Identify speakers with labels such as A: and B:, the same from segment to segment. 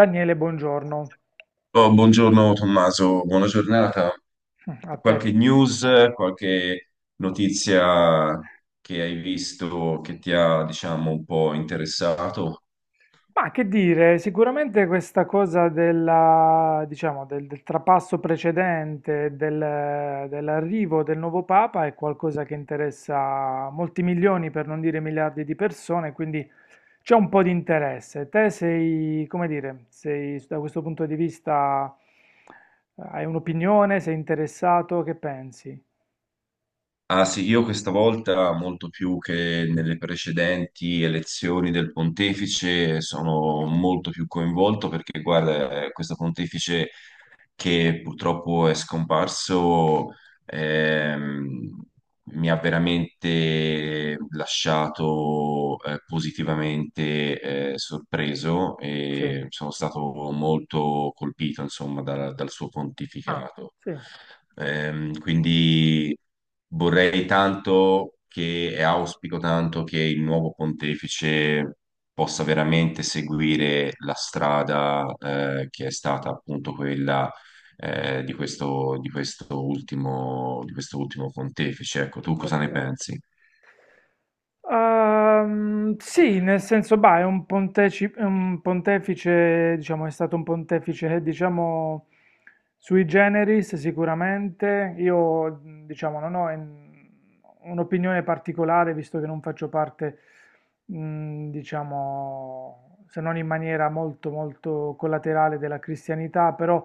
A: Daniele, buongiorno
B: Oh, buongiorno Tommaso, buona giornata.
A: a te.
B: Qualche news, qualche notizia che hai visto che ti ha, diciamo, un po' interessato?
A: Ma che dire, sicuramente questa cosa della, diciamo, del trapasso precedente, dell'arrivo del nuovo Papa è qualcosa che interessa molti milioni, per non dire miliardi di persone, quindi c'è un po' di interesse. Te sei, come dire, sei da questo punto di vista, hai un'opinione, sei interessato, che pensi?
B: Ah sì, io questa volta, molto più che nelle precedenti elezioni del pontefice, sono molto più coinvolto perché, guarda, questo pontefice che purtroppo è scomparso, ehm, mi ha veramente lasciato positivamente sorpreso
A: Sì.
B: e sono stato molto colpito, insomma, dal suo
A: Ah,
B: pontificato.
A: sì,
B: Quindi vorrei tanto che, e auspico tanto che il nuovo pontefice possa veramente seguire la strada che è stata appunto quella di questo, di questo ultimo pontefice. Ecco, tu cosa ne
A: perfetto.
B: pensi?
A: Sì, nel senso, bah, è un, è un pontefice, diciamo, è stato un pontefice, diciamo, sui generis sicuramente. Io, diciamo, non ho in- un'opinione particolare, visto che non faccio parte, diciamo, se non in maniera molto, molto collaterale della cristianità, però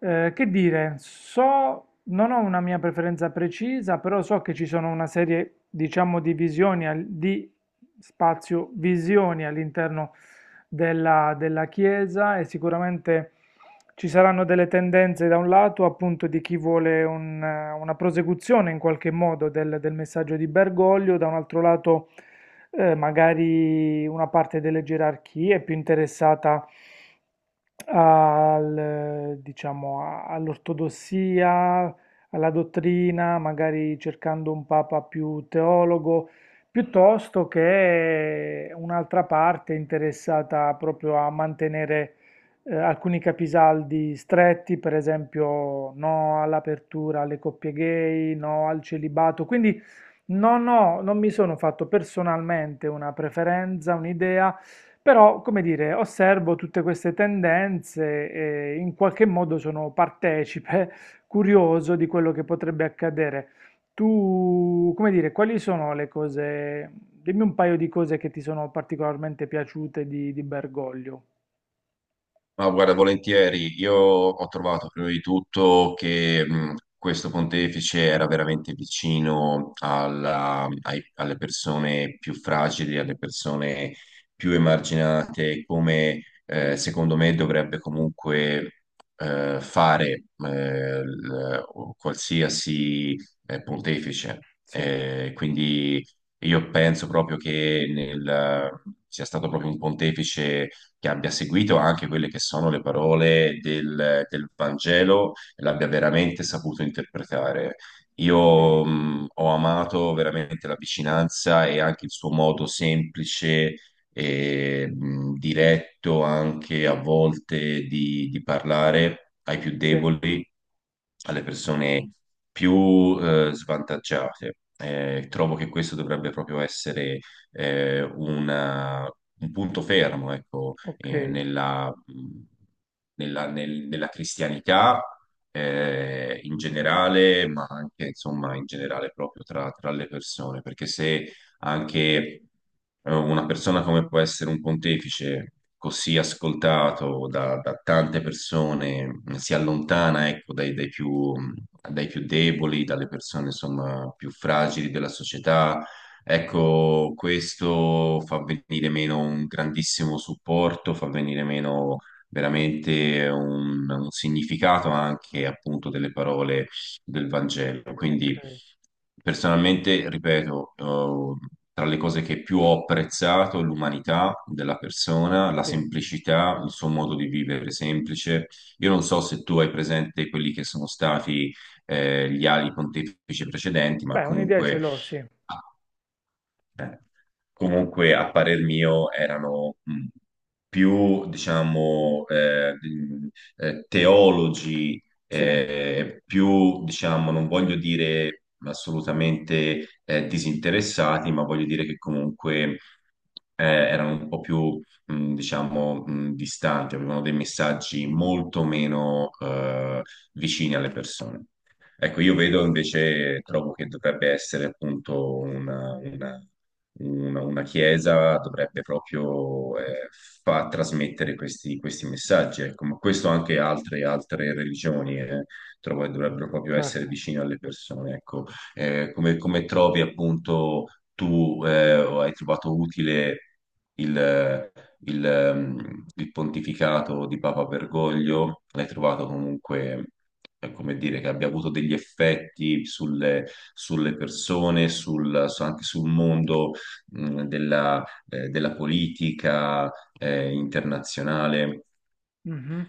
A: che dire, so, non ho una mia preferenza precisa, però so che ci sono una serie, diciamo, di visioni, di spazio visioni all'interno della Chiesa e sicuramente ci saranno delle tendenze da un lato, appunto, di chi vuole un, una prosecuzione in qualche modo del messaggio di Bergoglio, da un altro lato, magari una parte delle gerarchie più interessata al, diciamo, all'ortodossia, alla dottrina, magari cercando un papa più teologo, piuttosto che un'altra parte interessata proprio a mantenere alcuni capisaldi stretti, per esempio no all'apertura alle coppie gay, no al celibato. Quindi no, no, non mi sono fatto personalmente una preferenza, un'idea, però, come dire, osservo tutte queste tendenze e in qualche modo sono partecipe, curioso di quello che potrebbe accadere. Tu, come dire, quali sono le cose, dimmi un paio di cose che ti sono particolarmente piaciute di Bergoglio.
B: Ma guarda, volentieri, io ho trovato prima di tutto che questo pontefice era veramente vicino alle persone più fragili, alle persone più emarginate, come secondo me dovrebbe comunque fare o qualsiasi pontefice.
A: Sì,
B: Quindi io penso proprio che sia stato proprio un pontefice che abbia seguito anche quelle che sono le parole del Vangelo e l'abbia veramente saputo interpretare.
A: ok,
B: Io ho amato veramente la vicinanza e anche il suo modo semplice e diretto anche a volte di parlare ai più
A: sì,
B: deboli, alle persone più svantaggiate. Trovo che questo dovrebbe proprio essere eh, una- un punto fermo, ecco,
A: ok,
B: nella, nella cristianità in generale, ma anche insomma in generale proprio tra, tra le persone, perché se anche una persona come può essere un pontefice, così ascoltato da, da tante persone, si allontana, ecco, dai, dai più deboli, dalle persone insomma più fragili della società. Ecco, questo fa venire meno un grandissimo supporto, fa venire meno veramente un significato anche appunto delle parole del Vangelo.
A: ok,
B: Quindi personalmente, ripeto, tra le cose che più ho apprezzato, l'umanità della persona, la
A: sì.
B: semplicità, il suo modo di vivere semplice. Io non so se tu hai presente quelli che sono stati gli ali pontefici precedenti, ma
A: Beh, un'idea ce
B: comunque
A: l'ho, sì,
B: a parer mio erano più, diciamo, teologi,
A: sì,
B: più, diciamo, non voglio dire assolutamente disinteressati, ma voglio dire che comunque erano un po' più, diciamo, distanti, avevano dei messaggi molto meno vicini alle persone. Ecco, io vedo invece, trovo che dovrebbe essere appunto una chiesa dovrebbe proprio far trasmettere questi, questi messaggi, ecco. Ma questo anche altre, altre religioni trovo che dovrebbero proprio essere
A: certo.
B: vicine alle persone, ecco. Come, come trovi appunto tu o hai trovato utile il, il pontificato di Papa Bergoglio? L'hai trovato comunque... come dire, che abbia avuto degli effetti sulle, sulle persone, anche sul mondo della, della politica internazionale.
A: Mh-mh.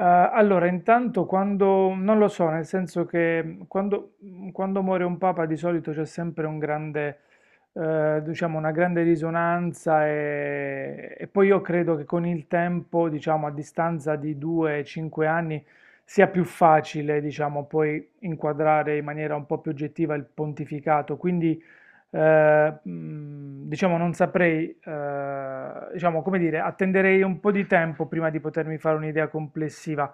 A: Allora intanto quando non lo so, nel senso che, quando quando muore un papa di solito c'è sempre un grande diciamo una grande risonanza, e poi io credo che con il tempo, diciamo a distanza di 2, 5 anni, sia più facile, diciamo, poi inquadrare in maniera un po' più oggettiva il pontificato. Quindi, diciamo non saprei, diciamo come dire, attenderei un po' di tempo prima di potermi fare un'idea complessiva.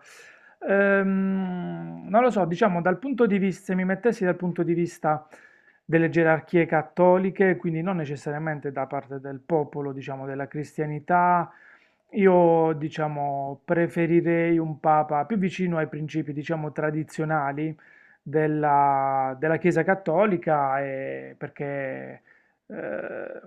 A: Non lo so, diciamo dal punto di vista, se mi mettessi dal punto di vista delle gerarchie cattoliche, quindi non necessariamente da parte del popolo, diciamo della cristianità, io diciamo preferirei un papa più vicino ai principi, diciamo, tradizionali della Chiesa Cattolica, e perché eh,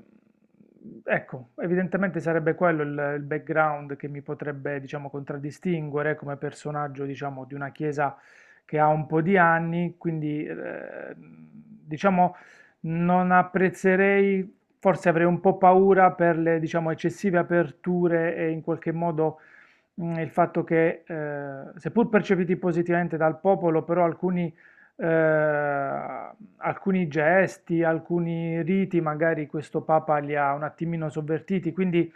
A: ecco, evidentemente sarebbe quello il background che mi potrebbe, diciamo, contraddistinguere come personaggio, diciamo, di una Chiesa che ha un po' di anni, quindi diciamo non apprezzerei, forse avrei un po' paura per le, diciamo, eccessive aperture e in qualche modo il fatto che, seppur percepiti positivamente dal popolo, però alcuni eh, alcuni gesti, alcuni riti, magari questo Papa li ha un attimino sovvertiti, quindi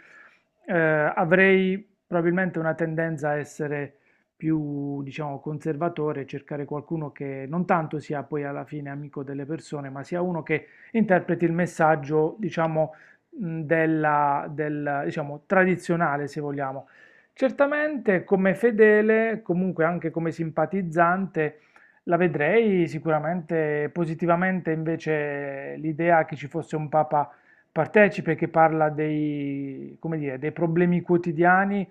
A: avrei probabilmente una tendenza a essere più, diciamo, conservatore, cercare qualcuno che non tanto sia poi alla fine amico delle persone, ma sia uno che interpreti il messaggio, diciamo, della, del, diciamo, tradizionale, se vogliamo. Certamente come fedele, comunque anche come simpatizzante, la vedrei sicuramente positivamente invece l'idea che ci fosse un papa partecipe che parla dei, come dire, dei problemi quotidiani,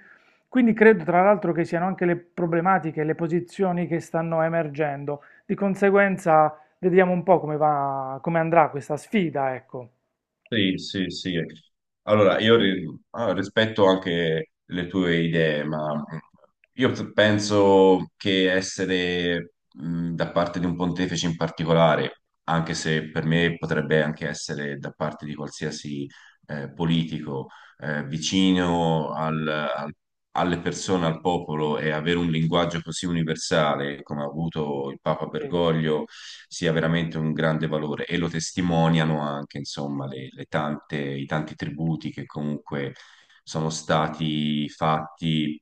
A: quindi credo tra l'altro che siano anche le problematiche, le posizioni che stanno emergendo. Di conseguenza vediamo un po' come va, come andrà questa sfida, ecco.
B: Sì, sì, sì. Allora, rispetto anche le tue idee, ma penso che essere da parte di un pontefice in particolare, anche se per me potrebbe anche essere da parte di qualsiasi politico, vicino alle persone, al popolo e avere un linguaggio così universale come ha avuto il Papa
A: Sì,
B: Bergoglio sia veramente un grande valore e lo testimoniano anche, insomma, le tante, i tanti tributi che comunque sono stati fatti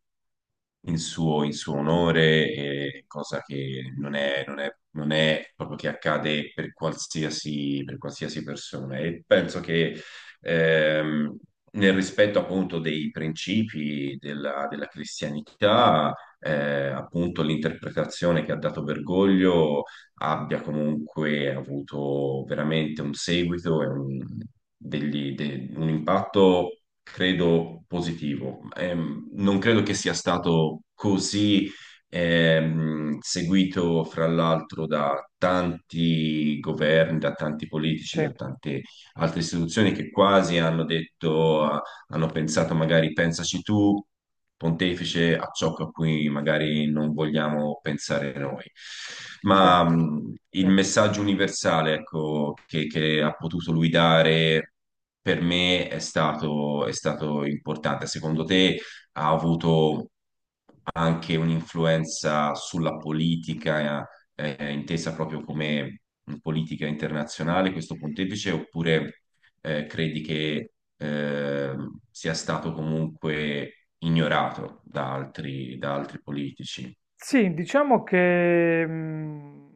B: in suo onore, e cosa che non è proprio che accade per qualsiasi persona. E penso che ehm, nel rispetto appunto dei principi della, della cristianità, appunto l'interpretazione che ha dato Bergoglio abbia comunque avuto veramente un seguito e un, un impatto, credo, positivo. Non credo che sia stato così seguito fra l'altro da tanti governi, da tanti politici,
A: sì,
B: da tante altre istituzioni che quasi hanno detto, ah, hanno pensato magari pensaci tu, pontefice, a ciò a cui magari non vogliamo pensare noi. Ma
A: certo,
B: il
A: certo.
B: messaggio universale, ecco, che ha potuto lui dare per me è stato importante. Secondo te ha avuto anche un'influenza sulla politica, intesa proprio come politica internazionale, questo pontefice, oppure credi che sia stato comunque ignorato da altri politici?
A: Sì, diciamo che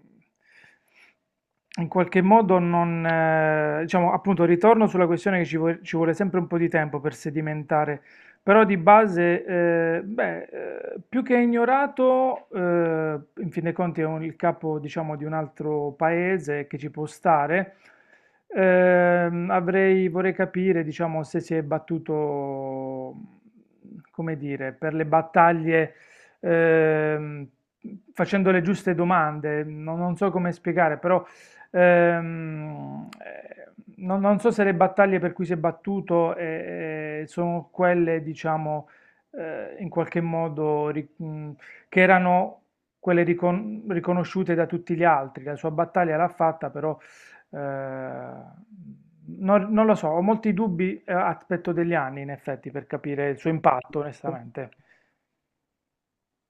A: in qualche modo non, diciamo, appunto, ritorno sulla questione che ci vuole sempre un po' di tempo per sedimentare, però di base, beh, più che ignorato, in fin dei conti il capo, diciamo, di un altro paese che ci può stare. Avrei, vorrei capire, diciamo, se si è battuto, come dire, per le battaglie ehm, facendo le giuste domande, non, non so come spiegare, però ehm, eh, non, non so se le battaglie per cui si è battuto sono quelle, diciamo, in qualche modo che erano quelle riconosciute da tutti gli altri. La sua battaglia l'ha fatta, però non, non lo so, ho molti dubbi, aspetto degli anni in effetti per capire il suo impatto, onestamente.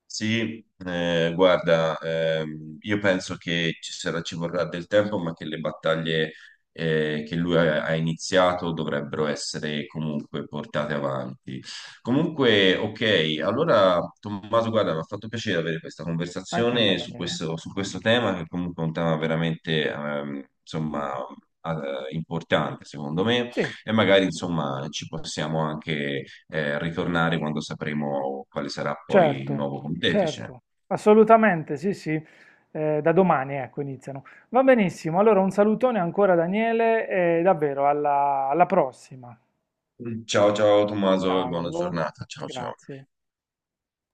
B: Sì, guarda, io penso che ci sarà, ci vorrà del tempo, ma che le battaglie che lui ha, ha iniziato dovrebbero essere comunque portate avanti. Comunque, ok, allora Tommaso, guarda, mi ha fatto piacere avere questa
A: Anche a me,
B: conversazione
A: Daniele.
B: su questo tema, che comunque è un tema veramente, insomma, importante, secondo me.
A: Sì,
B: E magari, insomma, ci possiamo anche ritornare quando sapremo quale sarà poi il
A: certo,
B: nuovo pontefice.
A: certo, assolutamente, sì, sì, da domani ecco iniziano. Va benissimo, allora un salutone ancora Daniele e davvero alla prossima.
B: Ciao, ciao Tommaso e buona
A: Ciao,
B: giornata. Ciao, ciao.
A: grazie.